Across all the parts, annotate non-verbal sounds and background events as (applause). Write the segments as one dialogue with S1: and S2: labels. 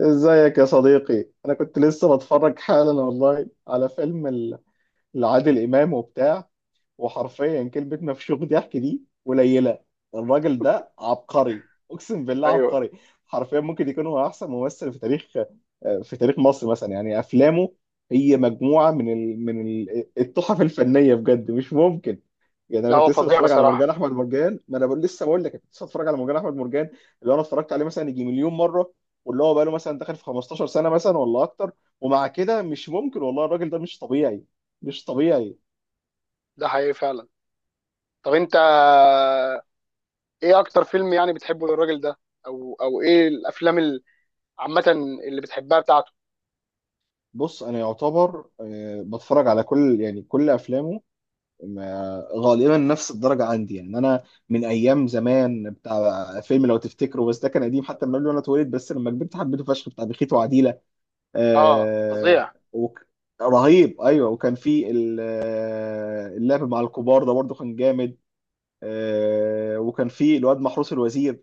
S1: ازيك يا صديقي؟ انا كنت لسه بتفرج حالا والله على لعادل امام وبتاع. وحرفيا كلمه مفشوخ ضحك دي قليله. الراجل ده عبقري، اقسم بالله
S2: ايوه.
S1: عبقري. حرفيا ممكن يكون هو احسن ممثل في تاريخ، في تاريخ مصر مثلا. يعني افلامه هي مجموعه من التحف الفنيه بجد، مش ممكن. يعني
S2: لا،
S1: انا كنت
S2: هو
S1: لسه
S2: فظيع
S1: بتفرج على مرجان
S2: بصراحه.
S1: احمد مرجان، ما انا بقول بقول لك كنت لسه بتفرج على مرجان احمد مرجان. اللي انا اتفرجت عليه مثلا يجي مليون مره، واللي هو بقى له مثلا داخل في 15 سنه مثلا ولا اكتر. ومع كده مش ممكن والله، الراجل ده مش طبيعي، مش طبيعي.
S2: ده حقيقي فعلا. طب انت، ايه اكتر فيلم يعني بتحبه للراجل ده؟ او ايه الافلام عامه اللي بتحبها بتاعته؟
S1: بص، انا يعتبر بتفرج على كل، يعني كل افلامه غالبا نفس الدرجه عندي يعني انا. من ايام زمان بتاع فيلم لو تفتكروا، بس ده كان قديم حتى من قبل ما انا اتولد، بس لما كبرت حبيته فشخ، بتاع بخيت وعديلة.
S2: اه
S1: آه.
S2: فظيع.
S1: وك... رهيب، ايوه. وكان في اللعب مع الكبار ده برضو كان جامد. آه، وكان في الواد محروس الوزير،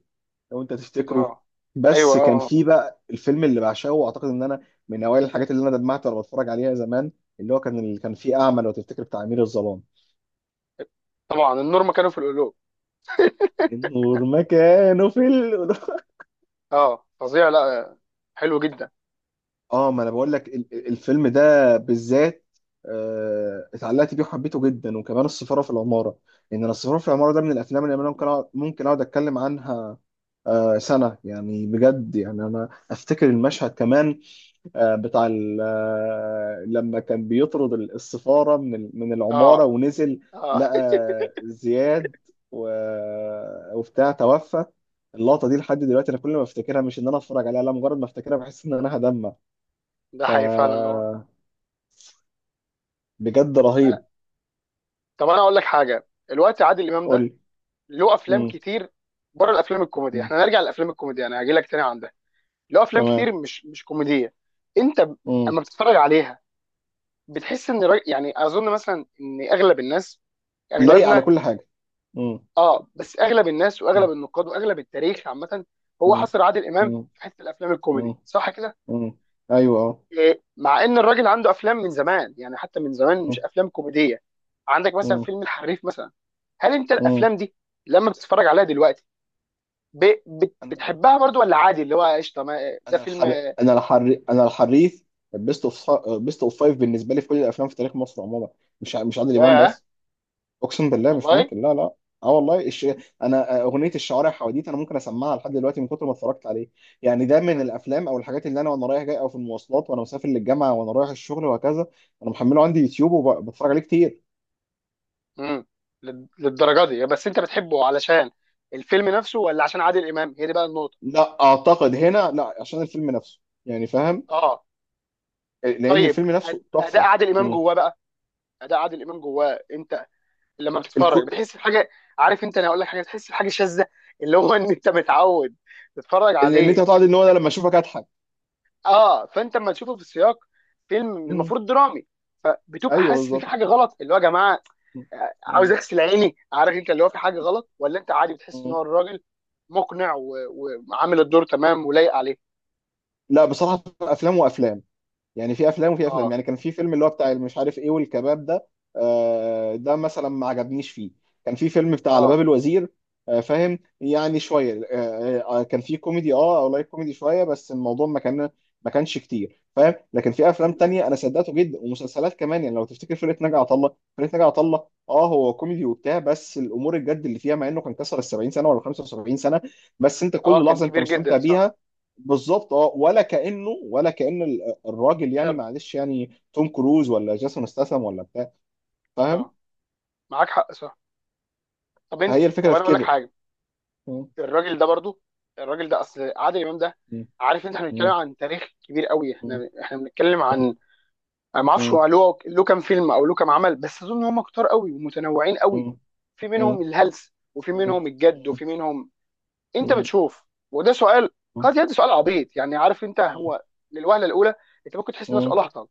S1: لو انت تفتكره.
S2: اه. ايوه.
S1: بس
S2: اه.
S1: كان
S2: آه.
S1: في بقى الفيلم اللي بعشقه، واعتقد ان انا من اوائل الحاجات اللي انا دمعت وانا بتفرج عليها زمان، اللي هو كان، اللي كان فيه اعمى لو تفتكر، بتاع امير الظلام.
S2: طبعا، النور مكانه في القلوب.
S1: النور مكانه في
S2: اه فظيع. لا، حلو جدا.
S1: اه، ما انا بقول لك الفيلم ده بالذات اتعلقت بيه وحبيته جدا، وكمان السفاره في العماره. ان انا السفاره في العماره ده من الافلام اللي انا ممكن اقعد اتكلم عنها سنه، يعني بجد. يعني انا افتكر المشهد كمان، بتاع لما كان بيطرد السفاره من العماره
S2: اه.
S1: ونزل
S2: اه.
S1: لقى زياد وبتاع توفى. اللقطه دي لحد دلوقتي انا كل ما افتكرها، مش ان انا اتفرج عليها لا، مجرد ما افتكرها بحس ان انا هدمع.
S2: (laughs) ده
S1: ف
S2: حقيقي فعلا هو.
S1: بجد
S2: أنا-
S1: رهيب.
S2: طب انا اقول لك حاجه. الوقت عادل امام
S1: قول
S2: ده
S1: لي.
S2: له افلام
S1: مم.
S2: كتير. بره الافلام الكوميدي،
S1: مم.
S2: احنا نرجع للافلام الكوميدي انا هجي لك تاني عندها. له افلام
S1: تمام.
S2: كتير مش كوميديه. انت ب-
S1: مم.
S2: اما بتتفرج عليها بتحس ان الراجل، يعني اظن مثلا ان اغلب الناس،
S1: لايق على
S2: اغلبنا،
S1: كل حاجة. مم.
S2: اه، بس اغلب الناس واغلب
S1: مم.
S2: النقاد واغلب التاريخ عامه، هو
S1: مم.
S2: حصر عادل امام
S1: مم.
S2: في حته الافلام
S1: مم.
S2: الكوميدي، صح كده؟
S1: مم. ايوه اه.
S2: إيه، مع ان الراجل عنده افلام من زمان، يعني حتى من زمان،
S1: مم.
S2: مش افلام كوميديه. عندك مثلا
S1: مم.
S2: فيلم الحريف مثلا. هل انت
S1: مم.
S2: الافلام دي لما بتتفرج عليها دلوقتي
S1: انا
S2: بتحبها برضو ولا عادي، اللي هو قشطه، ده
S1: انا
S2: فيلم؟
S1: الحر انا الحر انا الحريف. بيست اوف، بيست اوف فايف بالنسبة لي في كل الافلام في تاريخ مصر عموما، مش عادل امام
S2: ياه.
S1: بس. اقسم بالله مش
S2: والله.
S1: ممكن، لا لا. اه والله انا اغنيه الشوارع حواديت انا ممكن اسمعها لحد دلوقتي من كتر ما اتفرجت عليه. يعني ده من الافلام او الحاجات اللي انا وانا رايح جاي او في المواصلات وانا مسافر للجامعه وانا رايح الشغل وهكذا. انا محمله عندي يوتيوب وبتفرج عليه كتير.
S2: امم. للدرجه دي؟ بس انت بتحبه علشان الفيلم نفسه ولا عشان عادل امام؟ هي دي بقى النقطه.
S1: لا، اعتقد هنا لا، عشان الفيلم نفسه يعني. فاهم؟
S2: اه.
S1: لان
S2: طيب،
S1: الفيلم نفسه
S2: اداء
S1: تحفه.
S2: عادل امام
S1: امم.
S2: جواه بقى، اداء عادل امام جواه، انت لما بتتفرج
S1: الكو...
S2: بتحس بحاجه، عارف انت، انا هقول لك حاجه، بتحس بحاجه شاذه. (laughs) اللي هو ان انت متعود تتفرج
S1: ان انت
S2: عليه.
S1: هتقعد، ان هو أنا لما اشوفك اضحك.
S2: اه. فانت لما تشوفه في السياق فيلم
S1: امم.
S2: المفروض درامي، فبتبقى
S1: ايوه
S2: حاسس ان في
S1: بالظبط.
S2: حاجه غلط، اللي هو يا جماعه
S1: مم.
S2: عاوز
S1: مم.
S2: اغسل عيني، عارف انت، اللي هو في حاجه غلط، ولا انت عادي بتحس ان
S1: مم.
S2: هو الراجل مقنع وعامل الدور تمام ولايق عليه؟
S1: لا بصراحه افلام وافلام، يعني في افلام وفي افلام.
S2: اه.
S1: يعني كان في فيلم اللي هو بتاع مش عارف ايه، والكباب ده ده مثلا ما عجبنيش فيه. كان في فيلم بتاع على باب
S2: اه.
S1: الوزير فاهم يعني شويه كان في كوميدي اه، او لايت كوميدي شويه، بس الموضوع ما كان، ما كانش كتير فاهم. لكن في افلام تانية انا صدقته جدا، ومسلسلات كمان يعني، لو تفتكر فرقه ناجي عطا الله. فرقه ناجي عطا الله اه هو كوميدي وبتاع، بس الامور الجد اللي فيها، مع انه كان كسر ال 70 سنه ولا 75 سنه، بس انت
S2: اه
S1: كل
S2: كان
S1: لحظه انت
S2: كبير
S1: مستمتع
S2: جدا، صح.
S1: بيها. بالظبط، اه، ولا كانه، ولا كان. الراجل يعني
S2: شاب.
S1: معلش يعني توم كروز ولا جاسون استاثام ولا بتاع. فاهم؟
S2: اه، معاك حق، صح.
S1: فهي
S2: طب
S1: الفكره
S2: انا
S1: في
S2: اقول لك
S1: كده.
S2: حاجه.
S1: مم.
S2: الراجل ده برضو، الراجل ده، اصل عادل امام ده،
S1: مم.
S2: عارف انت، احنا بنتكلم
S1: مم.
S2: عن تاريخ كبير قوي،
S1: مم.
S2: احنا بنتكلم عن، انا ما اعرفش
S1: مم.
S2: هو له كام فيلم او له كام عمل، بس اظن هم كتار قوي ومتنوعين
S1: مم.
S2: قوي. في
S1: مم. مم.
S2: منهم الهلس وفي
S1: مم.
S2: منهم الجد وفي منهم، انت
S1: مم.
S2: بتشوف. وده سؤال
S1: مم.
S2: قد يبدو سؤال عبيط، يعني عارف انت، هو للوهله الاولى انت ممكن تحس ان ده
S1: مم.
S2: سؤال اهطل،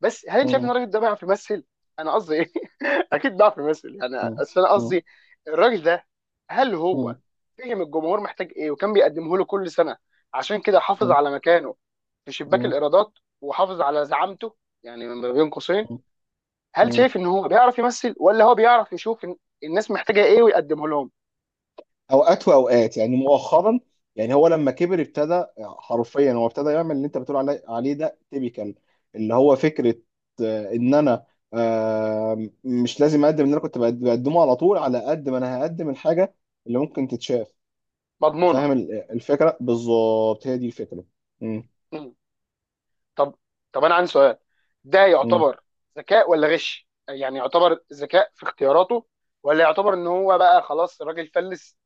S2: بس هل انت شايف ان
S1: مم.
S2: الراجل ده بيعرف يمثل؟ انا قصدي ايه؟ (laughs) اكيد بيعرف يمثل يعني،
S1: مم.
S2: اصل انا
S1: مم.
S2: قصدي الراجل ده، هل هو
S1: مم.
S2: فهم الجمهور محتاج ايه وكان بيقدمه له كل سنه عشان كده حافظ على مكانه في شباك
S1: مم.
S2: الايرادات، وحافظ على زعامته، يعني ما بين قوسين، هل
S1: مم.
S2: شايف ان هو بيعرف يمثل ولا هو بيعرف يشوف إن الناس محتاجه ايه ويقدمه لهم
S1: اوقات واوقات، يعني مؤخرا يعني هو لما كبر ابتدى، حرفيا هو ابتدى يعمل اللي انت بتقول عليه، ده تيبيكال. اللي هو فكره ان انا مش لازم اقدم اللي انا بقدمه على طول، على قد ما انا هقدم الحاجه اللي ممكن تتشاف.
S2: مضمونه؟
S1: فاهم الفكره؟ بالظبط هي دي الفكره.
S2: طب، انا عندي سؤال. ده
S1: مم.
S2: يعتبر ذكاء ولا غش؟ يعني يعتبر ذكاء في اختياراته، ولا يعتبر ان هو بقى خلاص الراجل فلس،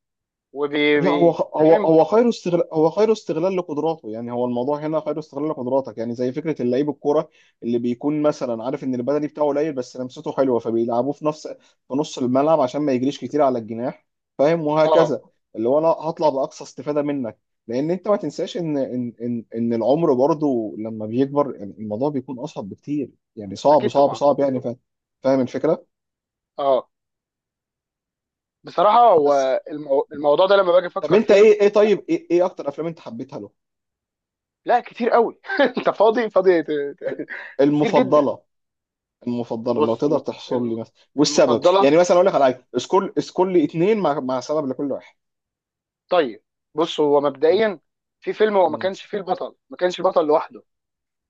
S1: لا هو هو
S2: فاهم؟
S1: هو خير استغلال، هو خير استغلال لقدراته. يعني هو الموضوع هنا خير استغلال لقدراتك. يعني زي فكره اللعيب الكوره اللي بيكون مثلا عارف ان البدني بتاعه قليل، بس لمسته حلوه، فبيلعبوه في، في نص الملعب عشان ما يجريش كتير على الجناح. فاهم؟
S2: اه
S1: وهكذا. اللي هو انا هطلع باقصى استفاده منك. لان انت ما تنساش ان العمر برضه لما بيكبر يعني الموضوع بيكون اصعب بكتير. يعني صعب
S2: اكيد
S1: صعب
S2: طبعا.
S1: صعب يعني. فاهم؟ فاهم الفكره.
S2: اه، بصراحه
S1: بس.
S2: هو الموضوع ده لما باجي
S1: طب
S2: افكر
S1: انت
S2: فيه،
S1: ايه اكتر افلام انت حبيتها له؟
S2: لا، كتير قوي. (laughs) انت فاضي؟ فاضي، كتير جدا.
S1: المفضله. المفضله لو
S2: بص،
S1: تقدر تحصر لي مثلا والسبب،
S2: المفضله.
S1: يعني مثلا اقول لك على حاجه، اسكول، اسكول لي اتنين مع سبب لكل واحد.
S2: طيب، بص هو مبدئيا، في فيلم هو
S1: م-.
S2: ما كانش البطل لوحده،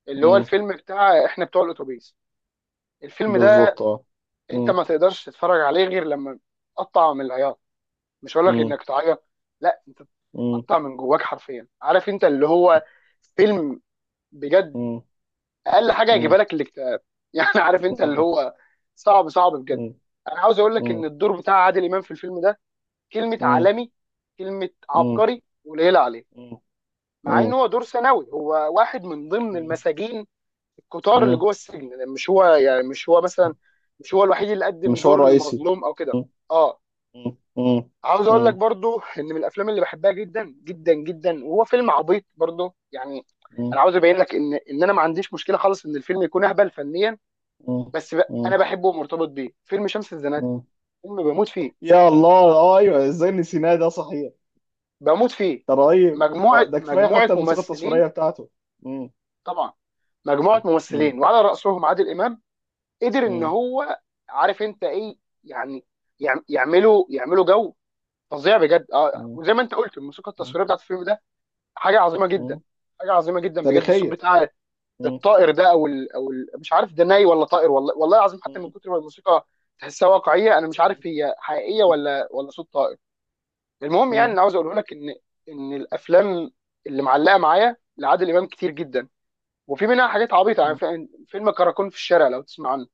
S2: اللي هو
S1: م-.
S2: الفيلم بتاع احنا بتوع الاتوبيس، الفيلم ده
S1: بالظبط اه.
S2: انت
S1: م-.
S2: ما تقدرش تتفرج عليه غير لما تقطع من العياط. مش هقول لك
S1: م-.
S2: انك تعيط، لا، انت
S1: م-.
S2: تقطع من جواك حرفيا، عارف انت اللي
S1: م-.
S2: هو فيلم، بجد،
S1: م-.
S2: اقل حاجه
S1: م-.
S2: هيجيبها لك الاكتئاب. (laughs) يعني عارف انت اللي
S1: م-.
S2: هو صعب صعب بجد.
S1: م-.
S2: انا عاوز اقول لك
S1: م-.
S2: ان الدور بتاع عادل امام في الفيلم ده، كلمه عالمي، كلمه
S1: م-.
S2: عبقري قليله عليه، مع ان
S1: م-.
S2: هو دور ثانوي، هو واحد من ضمن المساجين الكتار اللي
S1: م-.
S2: جوه السجن، مش هو يعني، مش هو
S1: م-.
S2: مثلا، مش هو الوحيد اللي قدم
S1: مش هو
S2: دور
S1: الرئيسي.
S2: المظلوم او كده.
S1: مم.
S2: اه.
S1: مم. مم.
S2: عاوز اقول لك
S1: مم.
S2: برضو ان من الافلام اللي بحبها جدا جدا جدا، وهو فيلم عبيط برضو يعني، انا عاوز ابين لك ان انا ما عنديش مشكله خالص ان الفيلم يكون اهبل فنيا،
S1: مم.
S2: بس انا
S1: مم.
S2: بحبه ومرتبط بيه، فيلم شمس الزناتي.
S1: مم.
S2: فيلم بموت فيه،
S1: يا الله اه، ايوه، ازاي نسيناه ده صحيح.
S2: بموت فيه.
S1: ده رهيب اه.
S2: مجموعه
S1: ده كفايه
S2: مجموعه
S1: حتى الموسيقى
S2: ممثلين،
S1: التصويريه بتاعته.
S2: طبعا، مجموعه
S1: مم.
S2: ممثلين وعلى راسهم عادل امام، قدر ان
S1: مم.
S2: هو، عارف انت ايه يعني، يعملوا جو فظيع بجد. اه،
S1: مم.
S2: وزي ما انت قلت، الموسيقى
S1: مم.
S2: التصويريه بتاعت الفيلم ده حاجه عظيمه جدا،
S1: مم.
S2: حاجه عظيمه جدا بجد. الصوت
S1: تاريخية.
S2: بتاع
S1: مم.
S2: الطائر ده، او ال او ال مش عارف ده ناي ولا طائر، والله، والله العظيم، حتى من
S1: مم.
S2: كتر ما الموسيقى تحسها واقعيه انا مش عارف هي حقيقيه
S1: مم.
S2: ولا صوت طائر. المهم يعني،
S1: مم.
S2: انا عاوز اقوله لك ان الافلام اللي معلقه معايا لعادل امام كتير جدا، وفي منها حاجات عبيطه، يعني
S1: مم.
S2: فيلم كراكون في الشارع لو تسمع عنه،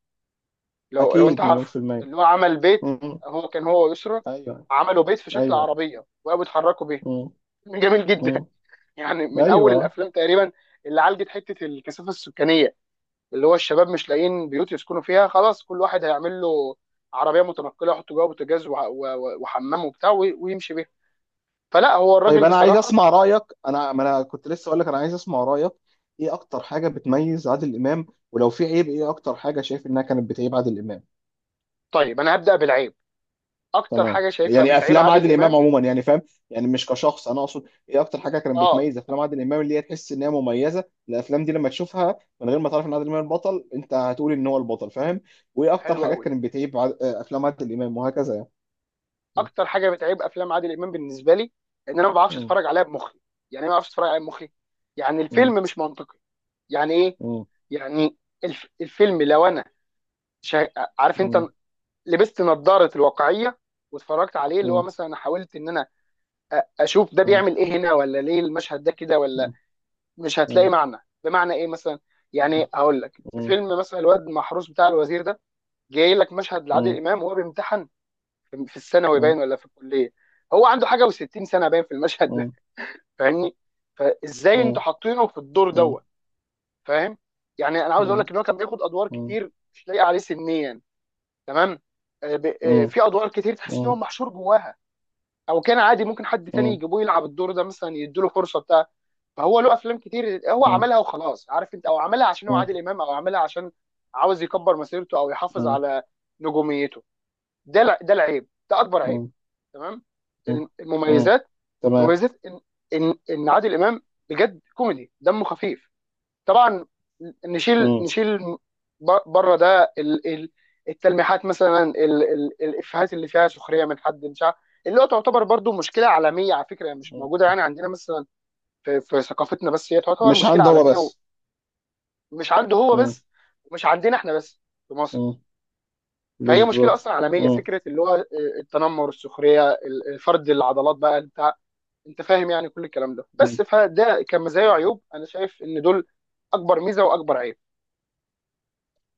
S2: لو انت
S1: أكيد مليون
S2: عارفه،
S1: في المية.
S2: اللي هو عمل بيت،
S1: مم.
S2: هو ويسرا
S1: أيوه.
S2: عملوا بيت في شكل
S1: أيوه.
S2: عربيه وقاموا يتحركوا بيه.
S1: مم.
S2: (laughs) جميل جدا،
S1: مم.
S2: يعني من اول
S1: أيوه.
S2: الافلام تقريبا اللي عالجت حته الكثافه السكانيه، اللي هو الشباب مش لاقيين بيوت يسكنوا فيها، خلاص كل واحد هيعمل له عربيه متنقله، يحط جوه بوتاجاز وحمام وبتاع ويمشي بيها. فلا، هو
S1: طيب
S2: الراجل
S1: أنا عايز
S2: بصراحه.
S1: أسمع رأيك. أنا ما أنا كنت لسه أقول لك أنا عايز أسمع رأيك. إيه أكتر حاجة بتميز عادل إمام؟ ولو في عيب، إيه أكتر حاجة شايف إنها كانت بتعيب عادل إمام؟
S2: طيب، انا هبدا بالعيب. اكتر
S1: تمام.
S2: حاجه شايفها
S1: يعني
S2: بتعيب
S1: افلام
S2: عادل
S1: عادل امام
S2: امام.
S1: عموما يعني، فاهم؟ يعني مش كشخص. انا اقصد ايه اكتر حاجه كانت
S2: اه.
S1: بتميز افلام عادل امام اللي هي تحس ان هي مميزه الافلام دي. لما تشوفها من غير ما تعرف ان عادل امام البطل، انت هتقول ان هو البطل، فاهم؟ وايه اكتر
S2: حلو
S1: حاجات
S2: قوي.
S1: كانت بتعيب افلام عادل امام وهكذا يعني.
S2: اكتر حاجه بتعيب افلام عادل امام بالنسبه لي ان انا ما بعرفش
S1: مم.
S2: اتفرج عليها بمخي. يعني إيه ما بعرفش اتفرج عليها بمخي؟ يعني
S1: مم.
S2: الفيلم مش منطقي. يعني ايه؟
S1: مم.
S2: يعني الفيلم لو انا شا... عارف انت
S1: مم.
S2: لبست نظاره الواقعيه واتفرجت عليه، اللي هو
S1: مم.
S2: مثلا حاولت ان انا اشوف ده
S1: مم.
S2: بيعمل ايه هنا، ولا ليه المشهد ده كده، ولا،
S1: مم.
S2: مش هتلاقي
S1: مم.
S2: معنى. بمعنى ايه مثلا؟
S1: مم.
S2: يعني هقول لك في فيلم مثلا الواد المحروس بتاع الوزير ده، جاي لك مشهد
S1: مم. مم.
S2: لعادل
S1: مم.
S2: امام وهو بيمتحن في الثانوي باين ولا في الكليه، هو عنده حاجه و60 سنه باين في المشهد ده،
S1: مم.
S2: فاهمني؟ فازاي
S1: مم.
S2: انتوا
S1: مم.
S2: حاطينه في الدور دوت، فاهم؟ يعني انا عاوز اقول
S1: مم.
S2: لك ان هو كان بياخد ادوار
S1: مم.
S2: كتير مش لايقه عليه سنيا، تمام.
S1: مم. مم.
S2: في ادوار كتير تحس ان هو محشور جواها، او كان عادي ممكن حد تاني يجيبوه يلعب الدور ده مثلا، يديله فرصه بتاع. فهو له افلام كتير هو
S1: مم. مم.
S2: عملها وخلاص، عارف انت، او عملها عشان هو عادل امام، او عملها عشان عاوز يكبر مسيرته او يحافظ على نجوميته. ده العيب، ده اكبر عيب،
S1: مم.
S2: تمام.
S1: مم.
S2: المميزات،
S1: تمام.
S2: مميزات ان عادل امام بجد كوميدي دمه خفيف، طبعا، نشيل
S1: مم.
S2: نشيل بره ده التلميحات مثلا، الافيهات اللي فيها سخريه من حد مش عارف، اللي هو تعتبر برضو مشكله عالميه على فكره، مش موجوده يعني عندنا مثلا في ثقافتنا بس، هي تعتبر
S1: مش
S2: مشكله
S1: عنده هو
S2: عالميه،
S1: بس.
S2: ومش عنده هو
S1: مم.
S2: بس، ومش عندنا احنا بس في مصر،
S1: مم.
S2: فهي مشكله
S1: بالظبط.
S2: اصلا عالميه.
S1: مم.
S2: فكره اللي هو آه، التنمر، السخريه، الفرد العضلات بقى بتاع، انت فاهم يعني كل الكلام ده.
S1: مم.
S2: بس فده كمزايا
S1: أيوة.
S2: وعيوب، انا شايف ان دول اكبر ميزه واكبر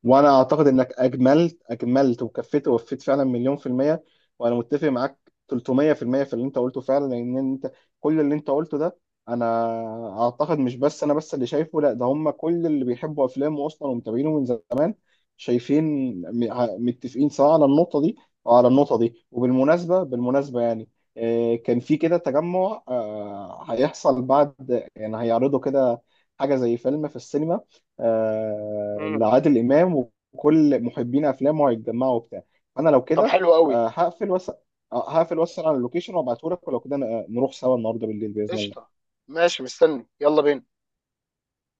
S1: وانا اعتقد انك اجملت وكفيت ووفيت، فعلا مليون في المية. وانا متفق معاك 300% في اللي انت قلته فعلا، لان انت كل اللي انت قلته ده، انا اعتقد مش بس انا بس اللي شايفه، لا ده هم كل اللي بيحبوا افلامه اصلا ومتابعينه من زمان شايفين متفقين، سواء على النقطة دي او على النقطة دي. وبالمناسبة يعني كان في كده تجمع هيحصل، بعد يعني هيعرضوا كده حاجة زي فيلم في السينما
S2: عيب.
S1: لعادل امام، وكل محبين افلامه هيتجمعوا وبتاع. انا لو
S2: طب،
S1: كده
S2: حلو قوي.
S1: آه، هقفل وس هقفل واسال على اللوكيشن وابعته لك، ولو كده نروح سوا النهارده بالليل باذن الله.
S2: قشطه. ماشي، مستني، يلا بينا.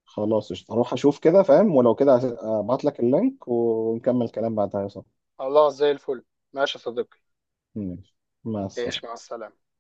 S1: خلاص قشطة. هروح اشوف كده فاهم. ولو كده هبعت لك اللينك ونكمل كلام بعدها يا صاحبي.
S2: خلاص زي الفل. ماشي يا صديقي.
S1: ماشي. مع
S2: ايش
S1: السلامه.
S2: مع السلامه.